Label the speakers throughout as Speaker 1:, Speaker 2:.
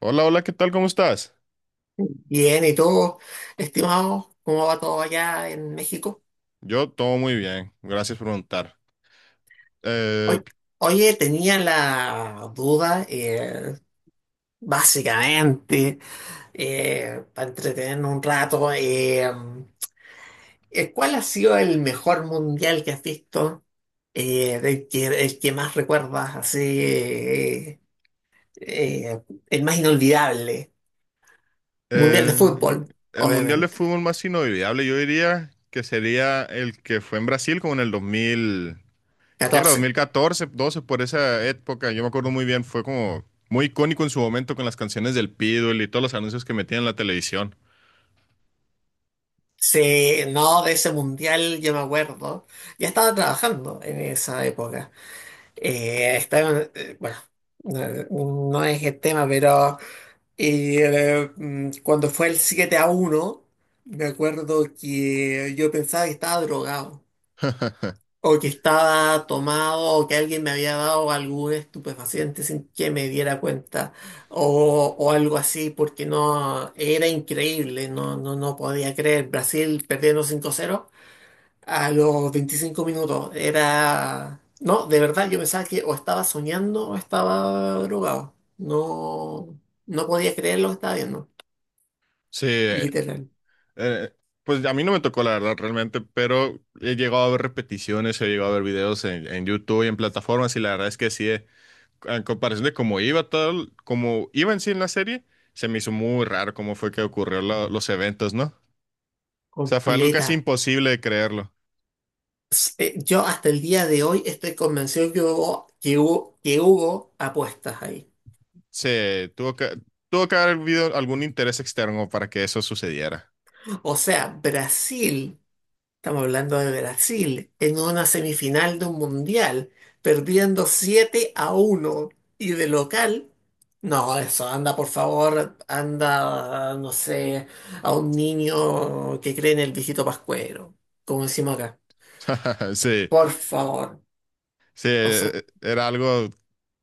Speaker 1: Hola, hola, ¿qué tal? ¿Cómo estás?
Speaker 2: Bien, ¿y tú, estimado? ¿Cómo va todo allá en México?
Speaker 1: Yo todo muy bien, gracias por preguntar. Eh,
Speaker 2: Oy- Oye, tenía la duda, básicamente, para entretenernos un rato, ¿cuál ha sido el mejor mundial que has visto? El que más recuerdas, así, eh, el más inolvidable. Mundial de
Speaker 1: eh,
Speaker 2: fútbol,
Speaker 1: el Mundial de
Speaker 2: obviamente.
Speaker 1: Fútbol más inolvidable, yo diría que sería el que fue en Brasil como en el 2000. ¿Qué era? dos
Speaker 2: 14.
Speaker 1: mil catorce, 12 por esa época. Yo me acuerdo muy bien, fue como muy icónico en su momento con las canciones del Pitbull y todos los anuncios que metían en la televisión.
Speaker 2: Sí, no, de ese mundial yo me acuerdo. Ya estaba trabajando en esa época. Estaba, bueno, no, no es el tema, pero cuando fue el 7-1 me acuerdo que yo pensaba que estaba drogado, o que estaba tomado, o que alguien me había dado algún estupefaciente sin que me diera cuenta, o algo así, porque no, era increíble, no, no, no podía creer. Brasil perdiendo 5-0 a los 25 minutos era... No, de verdad yo pensaba que o estaba soñando o estaba drogado. No, no podía creer lo que estaba viendo.
Speaker 1: Sí,
Speaker 2: Literal.
Speaker 1: eh, pues a mí no me tocó la verdad realmente, pero he llegado a ver repeticiones, he llegado a ver videos en YouTube y en plataformas, y la verdad es que sí, en comparación de cómo iba tal, como iba en sí en la serie, se me hizo muy raro cómo fue que ocurrió los eventos, ¿no? O sea, fue algo
Speaker 2: Completa.
Speaker 1: casi imposible de creerlo.
Speaker 2: Yo hasta el día de hoy estoy convencido que hubo apuestas ahí.
Speaker 1: Se tuvo que, tuvo que haber habido algún interés externo para que eso sucediera.
Speaker 2: O sea, Brasil estamos hablando de Brasil en una semifinal de un mundial, perdiendo 7-1 y de local. No, eso, anda por favor, anda, no sé, a un niño que cree en el viejito Pascuero, como decimos acá.
Speaker 1: Sí,
Speaker 2: Por favor.
Speaker 1: sí,
Speaker 2: O sea,
Speaker 1: era algo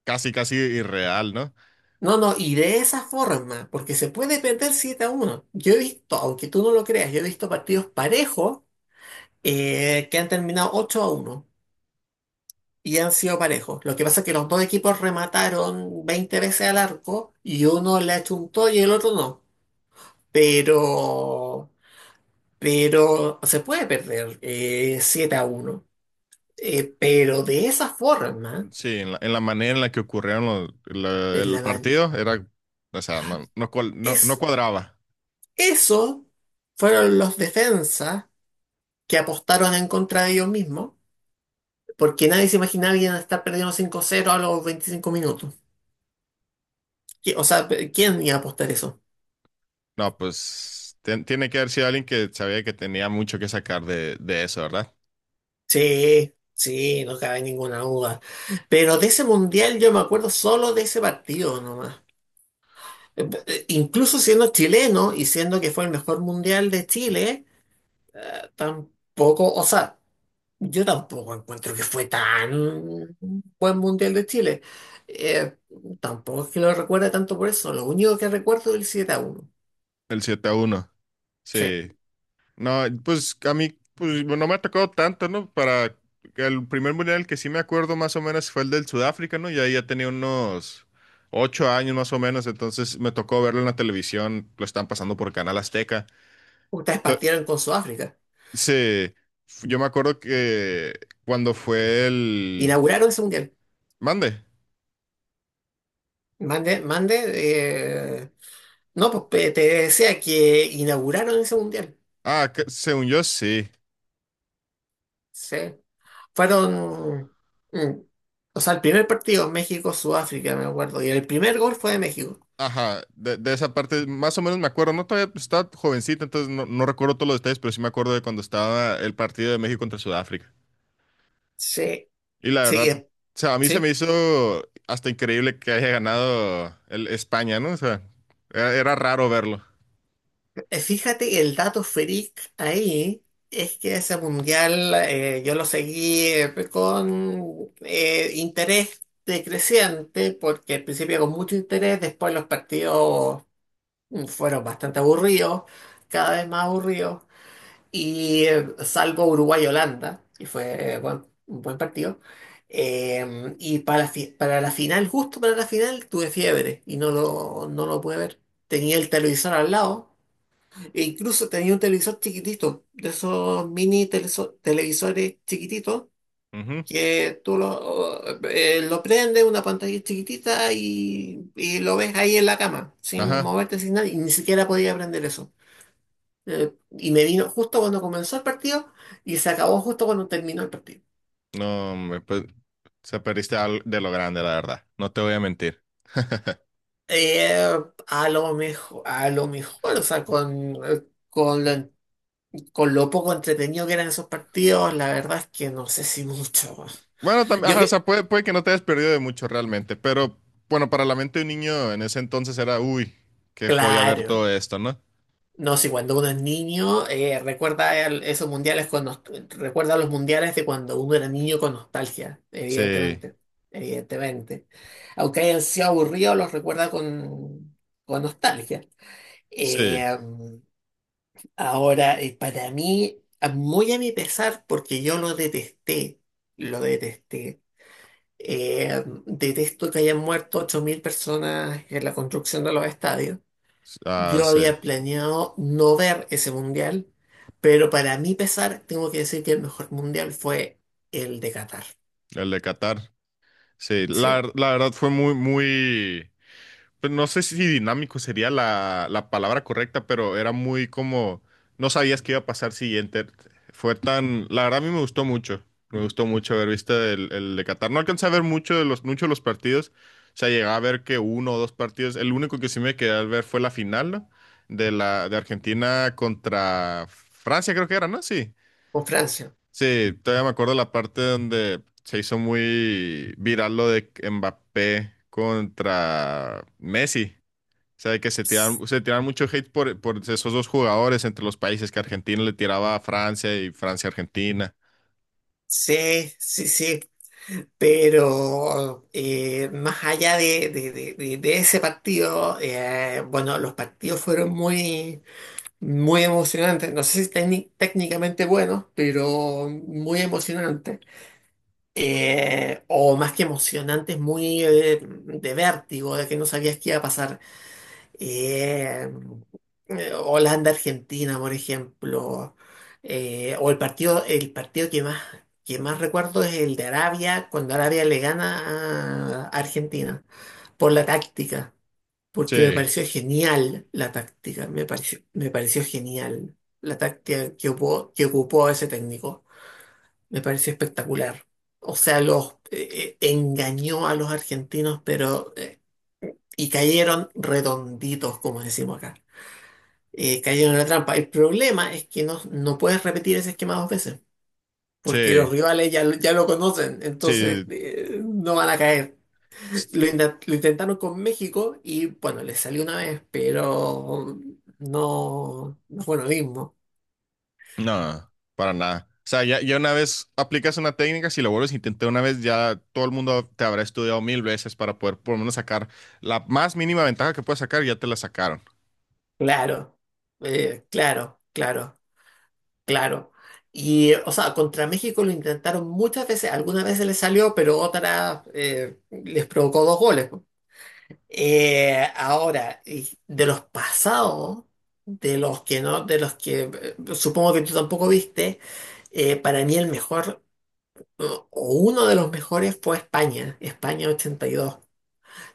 Speaker 1: casi, casi irreal, ¿no?
Speaker 2: no, no, y de esa forma, porque se puede perder 7-1. Yo he visto, aunque tú no lo creas, yo he visto partidos parejos que han terminado 8-1. Y han sido parejos. Lo que pasa es que los dos equipos remataron 20 veces al arco y uno le achuntó y el otro no. Pero, pero se puede perder 7 a uno. Pero de esa forma,
Speaker 1: Sí, en la manera en la que ocurrieron
Speaker 2: en
Speaker 1: el
Speaker 2: la man-
Speaker 1: partido, o sea, no, no, no no
Speaker 2: es,
Speaker 1: cuadraba.
Speaker 2: eso fueron los defensas que apostaron en contra de ellos mismos, porque nadie se imaginaba que iban a estar perdiendo 5-0 a los 25 minutos. O sea, ¿quién iba a apostar eso?
Speaker 1: No, pues tiene que haber sido alguien que sabía que tenía mucho que sacar de eso, ¿verdad?
Speaker 2: Sí, sí, no cabe ninguna duda. Pero de ese mundial yo me acuerdo solo de ese partido nomás. Incluso siendo chileno y siendo que fue el mejor mundial de Chile, tampoco, o sea, yo tampoco encuentro que fue tan buen mundial de Chile. Eh, Tampoco es que lo recuerde tanto por eso. Lo único que recuerdo es el 7 a uno.
Speaker 1: El 7-1.
Speaker 2: Sí,
Speaker 1: Sí. No, pues a mí pues, no me ha tocado tanto, ¿no? Para el primer mundial que sí me acuerdo más o menos fue el del Sudáfrica, ¿no? Y ahí ya tenía unos 8 años más o menos, entonces me tocó verlo en la televisión, lo están pasando por Canal Azteca.
Speaker 2: ustedes
Speaker 1: To-
Speaker 2: partieron con Sudáfrica.
Speaker 1: sí, yo me acuerdo que cuando fue el.
Speaker 2: Inauguraron ese mundial.
Speaker 1: Mande.
Speaker 2: Mande, mande. eh, No, pues te decía que inauguraron ese mundial.
Speaker 1: Ah, según yo sí.
Speaker 2: Sí. Fueron. mm, o sea, el primer partido, México-Sudáfrica, me acuerdo. Y el primer gol fue de México.
Speaker 1: Ajá, de esa parte más o menos me acuerdo, no todavía pues, estaba jovencita, entonces no, no recuerdo todos los detalles, pero sí me acuerdo de cuando estaba el partido de México contra Sudáfrica.
Speaker 2: Sí.
Speaker 1: Y la
Speaker 2: Sí,
Speaker 1: verdad, o sea, a mí se me
Speaker 2: sí.
Speaker 1: hizo hasta increíble que haya ganado el España, ¿no? O sea, era raro verlo.
Speaker 2: Fíjate que el dato freak ahí es que ese mundial yo lo seguí con interés decreciente, porque al principio con mucho interés, después los partidos fueron bastante aburridos, cada vez más aburridos. Y salvo Uruguay-Holanda, que fue un buen partido. Y para la final, justo para la final, tuve fiebre y no lo pude ver. Tenía el televisor al lado, e incluso tenía un televisor chiquitito, de esos mini televisores chiquititos,
Speaker 1: Ujú.
Speaker 2: que tú lo prendes, una pantalla chiquitita y lo ves ahí en la cama, sin
Speaker 1: Ajá.
Speaker 2: moverte, sin nada, y ni siquiera podía prender eso. Y me vino justo cuando comenzó el partido y se acabó justo cuando terminó el partido.
Speaker 1: No, me, pues, se perdiste de lo grande, la verdad, no te voy a mentir.
Speaker 2: Eh, a lo mejor, o sea, con lo, con lo poco entretenido que eran esos partidos, la verdad es que no sé si mucho.
Speaker 1: Bueno, también,
Speaker 2: Yo
Speaker 1: ajá, o sea,
Speaker 2: que,
Speaker 1: puede que no te hayas perdido de mucho realmente, pero bueno, para la mente de un niño en ese entonces era, uy, qué joya ver
Speaker 2: claro,
Speaker 1: todo esto, ¿no?
Speaker 2: no sé, cuando uno es niño, recuerda esos mundiales recuerda los mundiales de cuando uno era niño con nostalgia,
Speaker 1: Sí,
Speaker 2: evidentemente, evidentemente. Aunque hayan sido aburridos, los recuerda con nostalgia.
Speaker 1: sí,
Speaker 2: Eh, Ahora, para mí, muy a mi pesar, porque yo lo detesté, lo detesté. Detesto que hayan muerto 8.000 personas en la construcción de los estadios.
Speaker 1: ah,
Speaker 2: Yo
Speaker 1: sí,
Speaker 2: había planeado no ver ese mundial, pero para mi pesar, tengo que decir que el mejor mundial fue el de Qatar.
Speaker 1: el de Qatar. Sí, la,
Speaker 2: ¿Sí?
Speaker 1: la verdad fue muy, muy, pues, no sé si dinámico sería la palabra correcta, pero era muy como, no sabías qué iba a pasar siguiente. La verdad, a mí me gustó mucho, haber visto el de Qatar. No alcancé a ver mucho muchos de los partidos, o sea, llegaba a ver que uno o dos partidos. El único que sí me quedé a ver fue la final, ¿no? De Argentina contra Francia, creo que era, ¿no? Sí,
Speaker 2: Con Francia.
Speaker 1: sí, todavía me acuerdo la parte donde se hizo muy viral lo de Mbappé contra Messi. O sea, de que se tiraron mucho hate por esos dos jugadores entre los países, que Argentina le tiraba a Francia y Francia a Argentina.
Speaker 2: Sí, sí, sí. Pero más allá de ese partido, bueno, los partidos fueron muy, muy emocionantes. No sé si técnicamente buenos, pero muy emocionantes. O más que emocionantes, muy de vértigo, de que no sabías qué iba a pasar. Eh, Holanda-Argentina, por ejemplo. O el partido que más recuerdo es el de Arabia, cuando Arabia le gana a Argentina, por la táctica, porque me
Speaker 1: Sí,
Speaker 2: pareció genial la táctica, me pareció genial la táctica que ocupó ese técnico, me pareció espectacular. O sea, los engañó a los argentinos, pero y cayeron redonditos, como decimos acá cayeron en la trampa. El problema es que no puedes repetir ese esquema 2 veces, porque los
Speaker 1: sí,
Speaker 2: rivales ya lo conocen, entonces
Speaker 1: sí.
Speaker 2: no van a caer.
Speaker 1: s-
Speaker 2: Lo intentaron con México y bueno, les salió una vez, pero no fue lo mismo.
Speaker 1: No, para nada. O sea, ya una vez aplicas una técnica, si lo vuelves a intentar una vez, ya todo el mundo te habrá estudiado mil veces para poder por lo menos sacar la más mínima ventaja que puedas sacar, ya te la sacaron.
Speaker 2: Claro, claro, claro, claro. Y, o sea, contra México lo intentaron muchas veces, algunas veces les salió, pero otras les provocó dos goles. Ahora, y de los pasados, de los que no, de los que supongo que tú tampoco viste. Para mí el mejor, o uno de los mejores fue España, 82.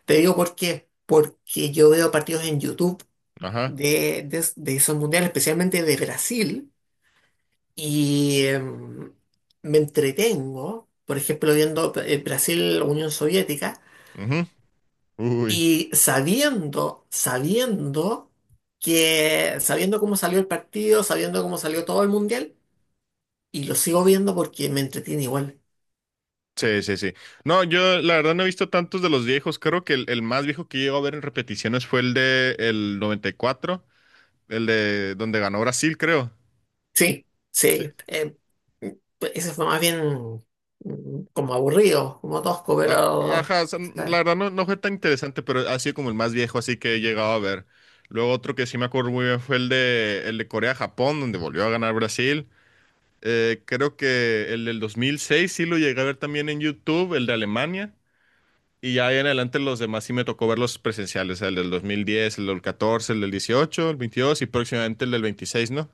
Speaker 2: Te digo por qué, porque yo veo partidos en YouTube
Speaker 1: Ajá.
Speaker 2: de esos mundiales, especialmente de Brasil, y me entretengo, por ejemplo, viendo Brasil-Unión Soviética.
Speaker 1: Ujú. Uy.
Speaker 2: Y sabiendo cómo salió el partido, sabiendo cómo salió todo el mundial, y lo sigo viendo porque me entretiene igual.
Speaker 1: Sí, sí, sí. No, yo la verdad no he visto tantos de los viejos. Creo que el más viejo que llego a ver en repeticiones fue el de el 94, el de donde ganó Brasil, creo.
Speaker 2: Sí,
Speaker 1: Sí.
Speaker 2: sí. Pues, ese fue más bien como aburrido, como tosco, pero
Speaker 1: Ajá, o sea, la
Speaker 2: eh,
Speaker 1: verdad no, no fue tan interesante, pero ha sido como el más viejo, así que he llegado a ver. Luego otro que sí me acuerdo muy bien fue el de Corea-Japón, donde volvió a ganar Brasil. Creo que el del 2006 sí lo llegué a ver también en YouTube, el de Alemania. Y ya ahí en adelante los demás sí me tocó ver los presenciales, el del 2010, el del 14, el del 18, el 22 y próximamente el del 26, ¿no?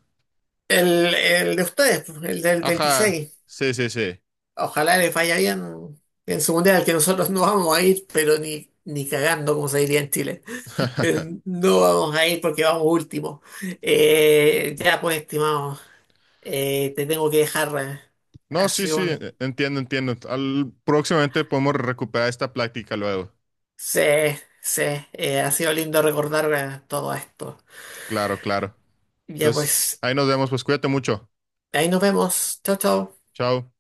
Speaker 2: el de ustedes, pues, el del
Speaker 1: Ajá,
Speaker 2: 26.
Speaker 1: sí, sí, sí.
Speaker 2: Ojalá les vaya bien en su mundial, que nosotros no vamos a ir, pero ni cagando, como se diría en Chile. No vamos a ir porque vamos último. Ya pues, estimado, te tengo que dejar.
Speaker 1: No,
Speaker 2: Ha
Speaker 1: sí,
Speaker 2: sido
Speaker 1: sí,
Speaker 2: un-
Speaker 1: entiendo, entiendo. Próximamente podemos recuperar esta plática luego.
Speaker 2: Sí, sí, ha sido lindo recordar todo esto.
Speaker 1: Claro, claro.
Speaker 2: Ya
Speaker 1: Entonces,
Speaker 2: pues,
Speaker 1: ahí nos vemos, pues cuídate mucho.
Speaker 2: ahí nos vemos. Chao, chao.
Speaker 1: Chao.